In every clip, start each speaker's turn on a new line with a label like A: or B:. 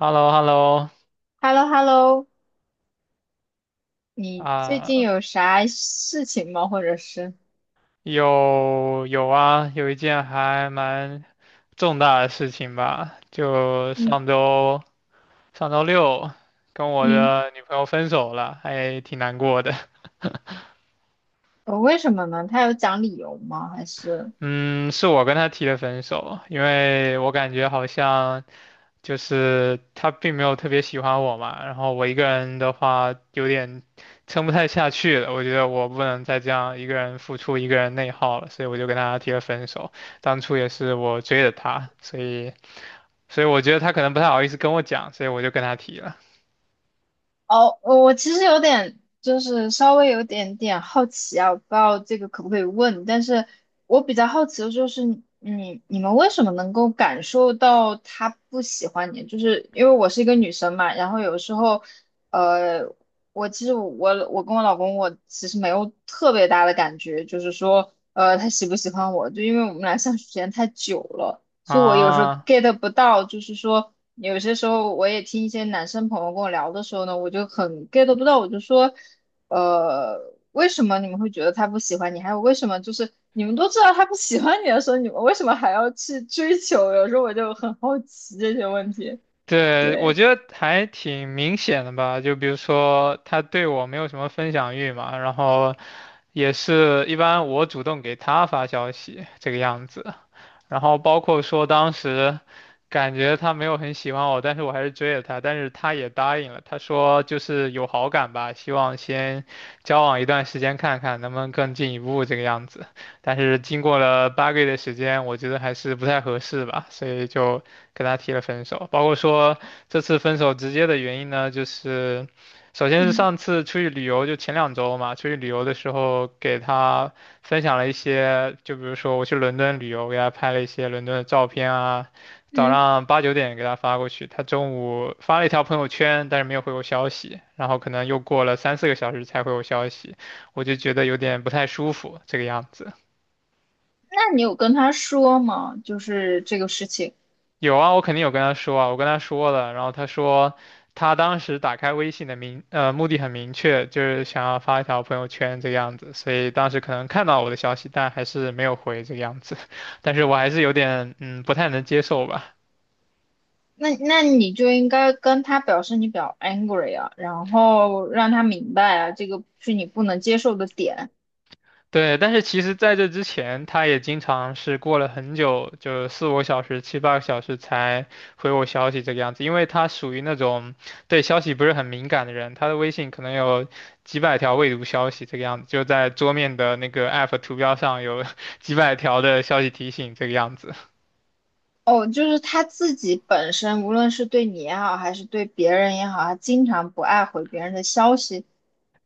A: h e l l o h e l l o
B: h e l l o h e l l o 你最近
A: 啊，
B: 有啥事情吗？或者是，
A: 有啊，有一件还蛮重大的事情吧，就
B: 嗯
A: 上周六跟我
B: 嗯，
A: 的女朋友分手了，还挺难过的。
B: 为什么呢？他有讲理由吗？还是？
A: 嗯，是我跟她提的分手，因为我感觉好像就是他并没有特别喜欢我嘛，然后我一个人的话有点撑不太下去了，我觉得我不能再这样一个人付出、一个人内耗了，所以我就跟他提了分手。当初也是我追的他，所以我觉得他可能不太好意思跟我讲，所以我就跟他提了。
B: 哦，我其实有点，就是稍微有点点好奇啊，我不知道这个可不可以问，但是我比较好奇的就是，你们为什么能够感受到他不喜欢你？就是因为我是一个女生嘛，然后有时候，呃，我其实我跟我老公，我其实没有特别大的感觉，就是说，他喜不喜欢我，就因为我们俩相处时间太久了。所以我有时候
A: 啊，
B: get 不到，就是说有些时候我也听一些男生朋友跟我聊的时候呢，我就很 get 不到，我就说，呃，为什么你们会觉得他不喜欢你？还有为什么就是你们都知道他不喜欢你的时候，你们为什么还要去追求？有时候我就很好奇这些问题。
A: 对，我
B: 对，
A: 觉得还挺明显的吧，就比如说他对我没有什么分享欲嘛，然后也是一般我主动给他发消息这个样子。然后包括说当时感觉他没有很喜欢我，但是我还是追了他，但是他也答应了，他说就是有好感吧，希望先交往一段时间看看能不能更进一步这个样子。但是经过了八个月的时间，我觉得还是不太合适吧，所以就跟他提了分手。包括说这次分手直接的原因呢，就是首先是
B: 嗯
A: 上次出去旅游，就前两周嘛，出去旅游的时候给他分享了一些，就比如说我去伦敦旅游，给他拍了一些伦敦的照片啊。早
B: 嗯，
A: 上八九点给他发过去，他中午发了一条朋友圈，但是没有回我消息，然后可能又过了三四个小时才回我消息，我就觉得有点不太舒服，这个样子。
B: 那你有跟他说吗？就是这个事情。
A: 有啊，我肯定有跟他说啊，我跟他说了，然后他说他当时打开微信的目的很明确，就是想要发一条朋友圈这个样子，所以当时可能看到我的消息，但还是没有回这个样子，但是我还是有点不太能接受吧。
B: 那那你就应该跟他表示你比较 angry 啊，然后让他明白啊，这个是你不能接受的点。
A: 对，但是其实在这之前，他也经常是过了很久，就四五个小时、七八个小时才回我消息这个样子，因为他属于那种对消息不是很敏感的人，他的微信可能有几百条未读消息这个样子，就在桌面的那个 app 图标上有 几百条的消息提醒这个样子。
B: 哦，就是他自己本身，无论是对你也好，还是对别人也好，他经常不爱回别人的消息。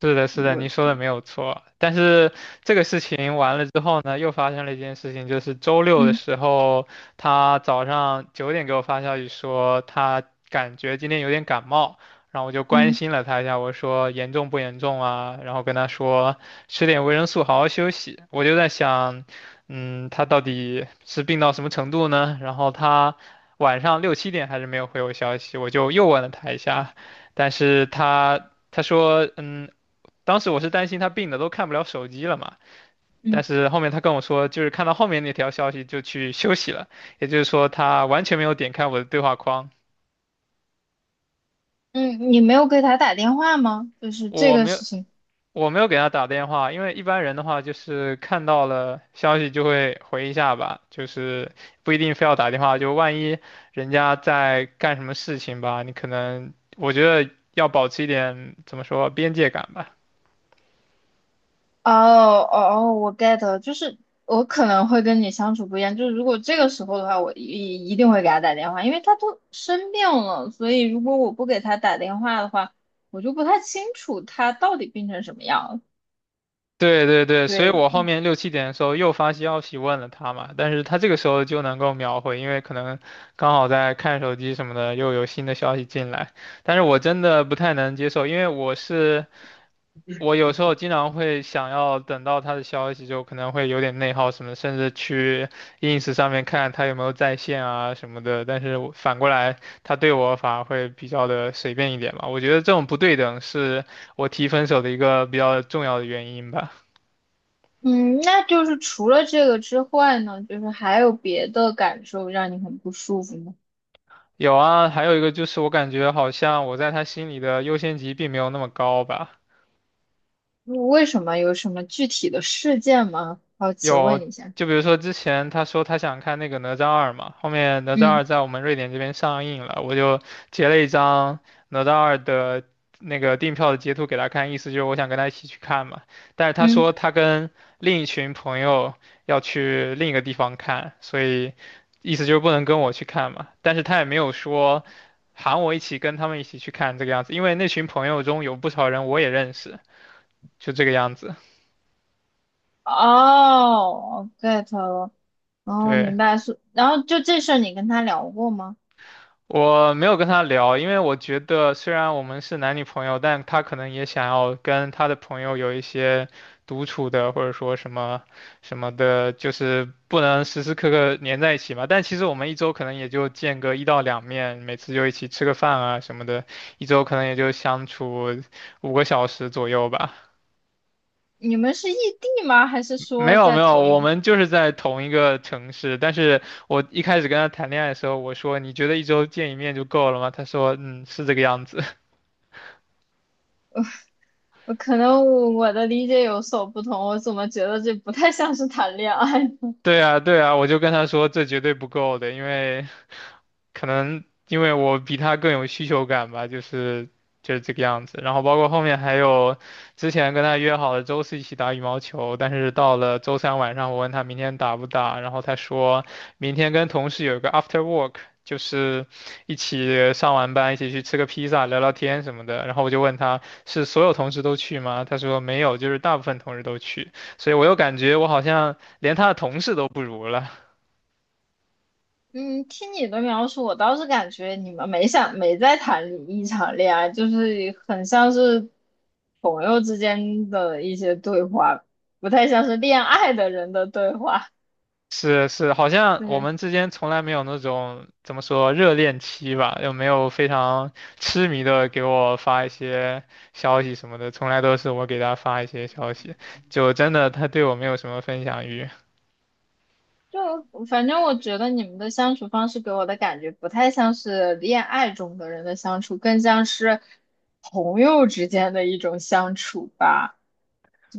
A: 是的，是的，
B: 我，
A: 您说的没有错。但是这个事情完了之后呢，又发生了一件事情，就是周六的
B: 嗯
A: 时候，他早上九点给我发消息说他感觉今天有点感冒，然后我就关
B: 嗯
A: 心了他一下，我说严重不严重啊？然后跟他说吃点维生素，好好休息。我就在想，嗯，他到底是病到什么程度呢？然后他晚上六七点还是没有回我消息，我就又问了他一下，但是他。他说：“嗯，当时我是担心他病的都看不了手机了嘛，但
B: 嗯
A: 是后面他跟我说，就是看到后面那条消息就去休息了，也就是说他完全没有点开我的对话框，
B: 嗯，你没有给他打电话吗？就是这
A: 我
B: 个
A: 没有
B: 事情。
A: 我没有给他打电话，因为一般人的话就是看到了消息就会回一下吧，就是不一定非要打电话，就万一人家在干什么事情吧，你可能我觉得要保持一点怎么说边界感吧。
B: 哦哦哦，我 get 了，就是我可能会跟你相处不一样，就是如果这个时候的话，我一定会给他打电话，因为他都生病了，所以如果我不给他打电话的话，我就不太清楚他到底病成什么样了。
A: 对对对，所以
B: 对，
A: 我后面六七点的时候又发消息问了他嘛，但是他这个时候就能够秒回，因为可能刚好在看手机什么的，又有新的消息进来。但是我真的不太能接受，因为我有时候经常会想要等到他的消息，就可能会有点内耗什么，甚至去 ins 上面看他有没有在线啊什么的。但是我反过来，他对我反而会比较的随便一点嘛，我觉得这种不对等是我提分手的一个比较重要的原因吧。
B: 嗯，那就是除了这个之外呢，就是还有别的感受让你很不舒服吗？
A: 有啊，还有一个就是我感觉好像我在他心里的优先级并没有那么高吧。
B: 嗯为什么？有什么具体的事件吗？好奇
A: 有，
B: 问一下。
A: 就比如说之前他说他想看那个《哪吒二》嘛，后面《哪吒二》
B: 嗯
A: 在我们瑞典这边上映了，我就截了一张《哪吒二》的那个订票的截图给他看，意思就是我想跟他一起去看嘛。但是他
B: 嗯，
A: 说他跟另一群朋友要去另一个地方看，所以意思就是不能跟我去看嘛。但是他也没有说喊我一起跟他们一起去看这个样子，因为那群朋友中有不少人我也认识，就这个样子。
B: 哦，get 了。哦，
A: 对，
B: 明白是，然后就这事儿你跟他聊过吗？
A: 我没有跟他聊，因为我觉得虽然我们是男女朋友，但他可能也想要跟他的朋友有一些独处的，或者说什么什么的，就是不能时时刻刻黏在一起嘛。但其实我们一周可能也就见个一到两面，每次就一起吃个饭啊什么的，一周可能也就相处五个小时左右吧。
B: 你们是异地吗？还是
A: 没
B: 说
A: 有没
B: 在
A: 有，
B: 同
A: 我
B: 一？
A: 们就是在同一个城市，但是我一开始跟他谈恋爱的时候，我说你觉得一周见一面就够了吗？他说嗯是这个样子。
B: 我可能我的理解有所不同，我怎么觉得这不太像是谈恋爱呢？
A: 对啊，对啊，我就跟他说这绝对不够的，因为可能因为我比他更有需求感吧，就是这个样子。然后包括后面还有之前跟他约好了周四一起打羽毛球，但是到了周三晚上，我问他明天打不打，然后他说明天跟同事有一个 after work。就是一起上完班，一起去吃个披萨、聊聊天什么的。然后我就问他是所有同事都去吗？他说没有，就是大部分同事都去。所以我又感觉我好像连他的同事都不如了。
B: 嗯，听你的描述，我倒是感觉你们没想没在谈一场恋爱，就是很像是朋友之间的一些对话，不太像是恋爱的人的对话。
A: 是是，好 像我
B: 对。
A: 们之间从来没有那种怎么说热恋期吧，又没有非常痴迷的给我发一些消息什么的，从来都是我给他发一些消息，就真的他对我没有什么分享欲。
B: 就反正我觉得你们的相处方式给我的感觉不太像是恋爱中的人的相处，更像是朋友之间的一种相处吧。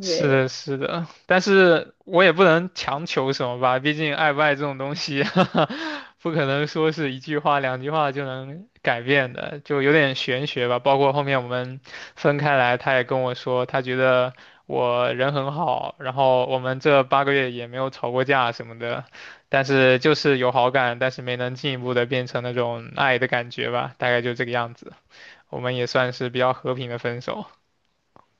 A: 是的，是的，但是我也不能强求什么吧，毕竟爱不爱这种东西，不可能说是一句话、两句话就能改变的，就有点玄学吧。包括后面我们分开来，他也跟我说，他觉得我人很好，然后我们这八个月也没有吵过架什么的，但是就是有好感，但是没能进一步的变成那种爱的感觉吧，大概就这个样子。我们也算是比较和平的分手。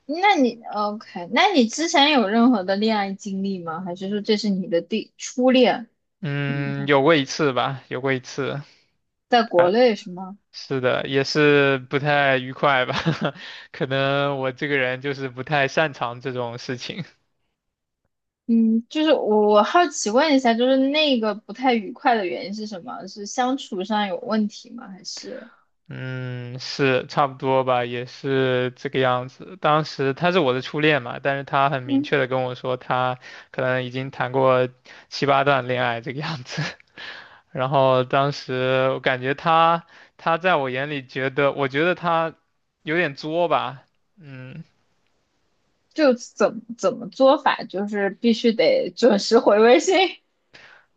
B: 那你 OK？那你之前有任何的恋爱经历吗？还是说这是你的第初恋？嗯，
A: 嗯，有过一次吧，有过一次。
B: 在国内是吗？
A: 是的，也是不太愉快吧，可能我这个人就是不太擅长这种事情。
B: 嗯，就是我好奇问一下，就是那个不太愉快的原因是什么？是相处上有问题吗？还是？
A: 嗯，是差不多吧，也是这个样子。当时他是我的初恋嘛，但是他很明
B: 嗯？
A: 确的跟我说，他可能已经谈过七八段恋爱这个样子。然后当时我感觉他，他在我眼里觉得，我觉得他有点作吧，嗯，
B: 就怎么做法，就是必须得准时回微信。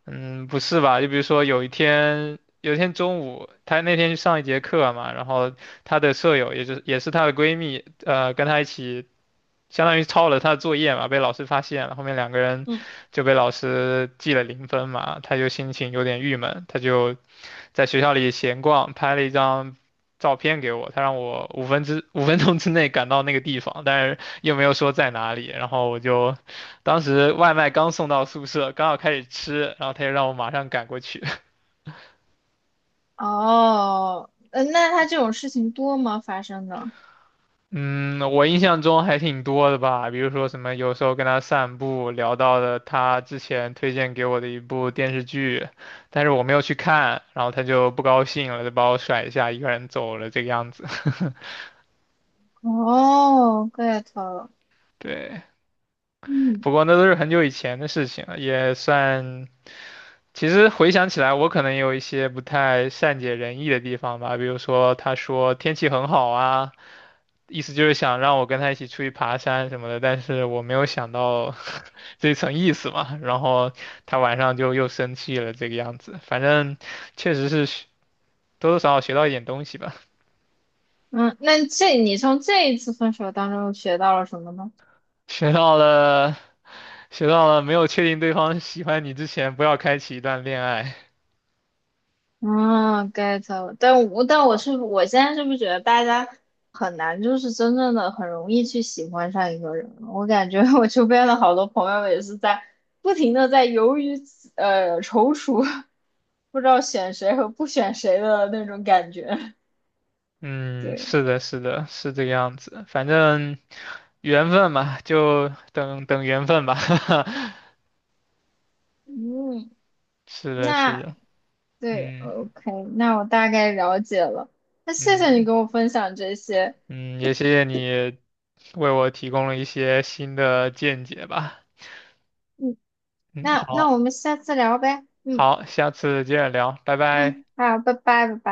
A: 嗯，不是吧？就比如说有一天，有一天中午，她那天去上一节课嘛，然后她的舍友，也就是也是她的闺蜜，跟她一起，相当于抄了她的作业嘛，被老师发现了，后面两个 人
B: 嗯，
A: 就被老师记了0分嘛，她就心情有点郁闷，她就在学校里闲逛，拍了一张照片给我，他让我五分之五分钟之内赶到那个地方，但是又没有说在哪里。然后我就当时外卖刚送到宿舍，刚好开始吃，然后他就让我马上赶过去。
B: 哦，那他这种事情多吗？发生的？
A: 嗯，我印象中还挺多的吧，比如说什么有时候跟他散步聊到了他之前推荐给我的一部电视剧，但是我没有去看，然后他就不高兴了，就把我甩下一个人走了这个样子。
B: 哦，get 了。
A: 对。
B: 嗯
A: 不过那都是很久以前的事情了，也算。其实回想起来，我可能也有一些不太善解人意的地方吧，比如说他说天气很好啊，意思就是想让我跟他一起出去爬山什么的，但是我没有想到 这层意思嘛，然后他晚上就又生气了，这个样子。反正确实是多多少少学到一点东西吧，
B: 嗯，那这你从这一次分手当中又学到了什么呢？
A: 学到了，学到了没有确定对方喜欢你之前，不要开启一段恋爱。
B: 啊，get 了。但我是我现在是不是觉得大家很难，就是真正的很容易去喜欢上一个人了。我感觉我周边的好多朋友也是在不停的在犹豫，踌躇，不知道选谁和不选谁的那种感觉。
A: 嗯，
B: 对，
A: 是的，是的，是这个样子。反正缘分嘛，就等等缘分吧。
B: 嗯，
A: 是的，是
B: 那
A: 的，
B: 对
A: 嗯
B: OK，那我大概了解了。那谢谢你
A: 嗯
B: 跟我分享这些，
A: 嗯，也谢谢你为我提供了一些新的见解吧。
B: 嗯，
A: 嗯，
B: 那我
A: 好，
B: 们下次聊呗，嗯
A: 好，下次接着聊，拜拜。
B: 嗯，好，拜拜，拜拜。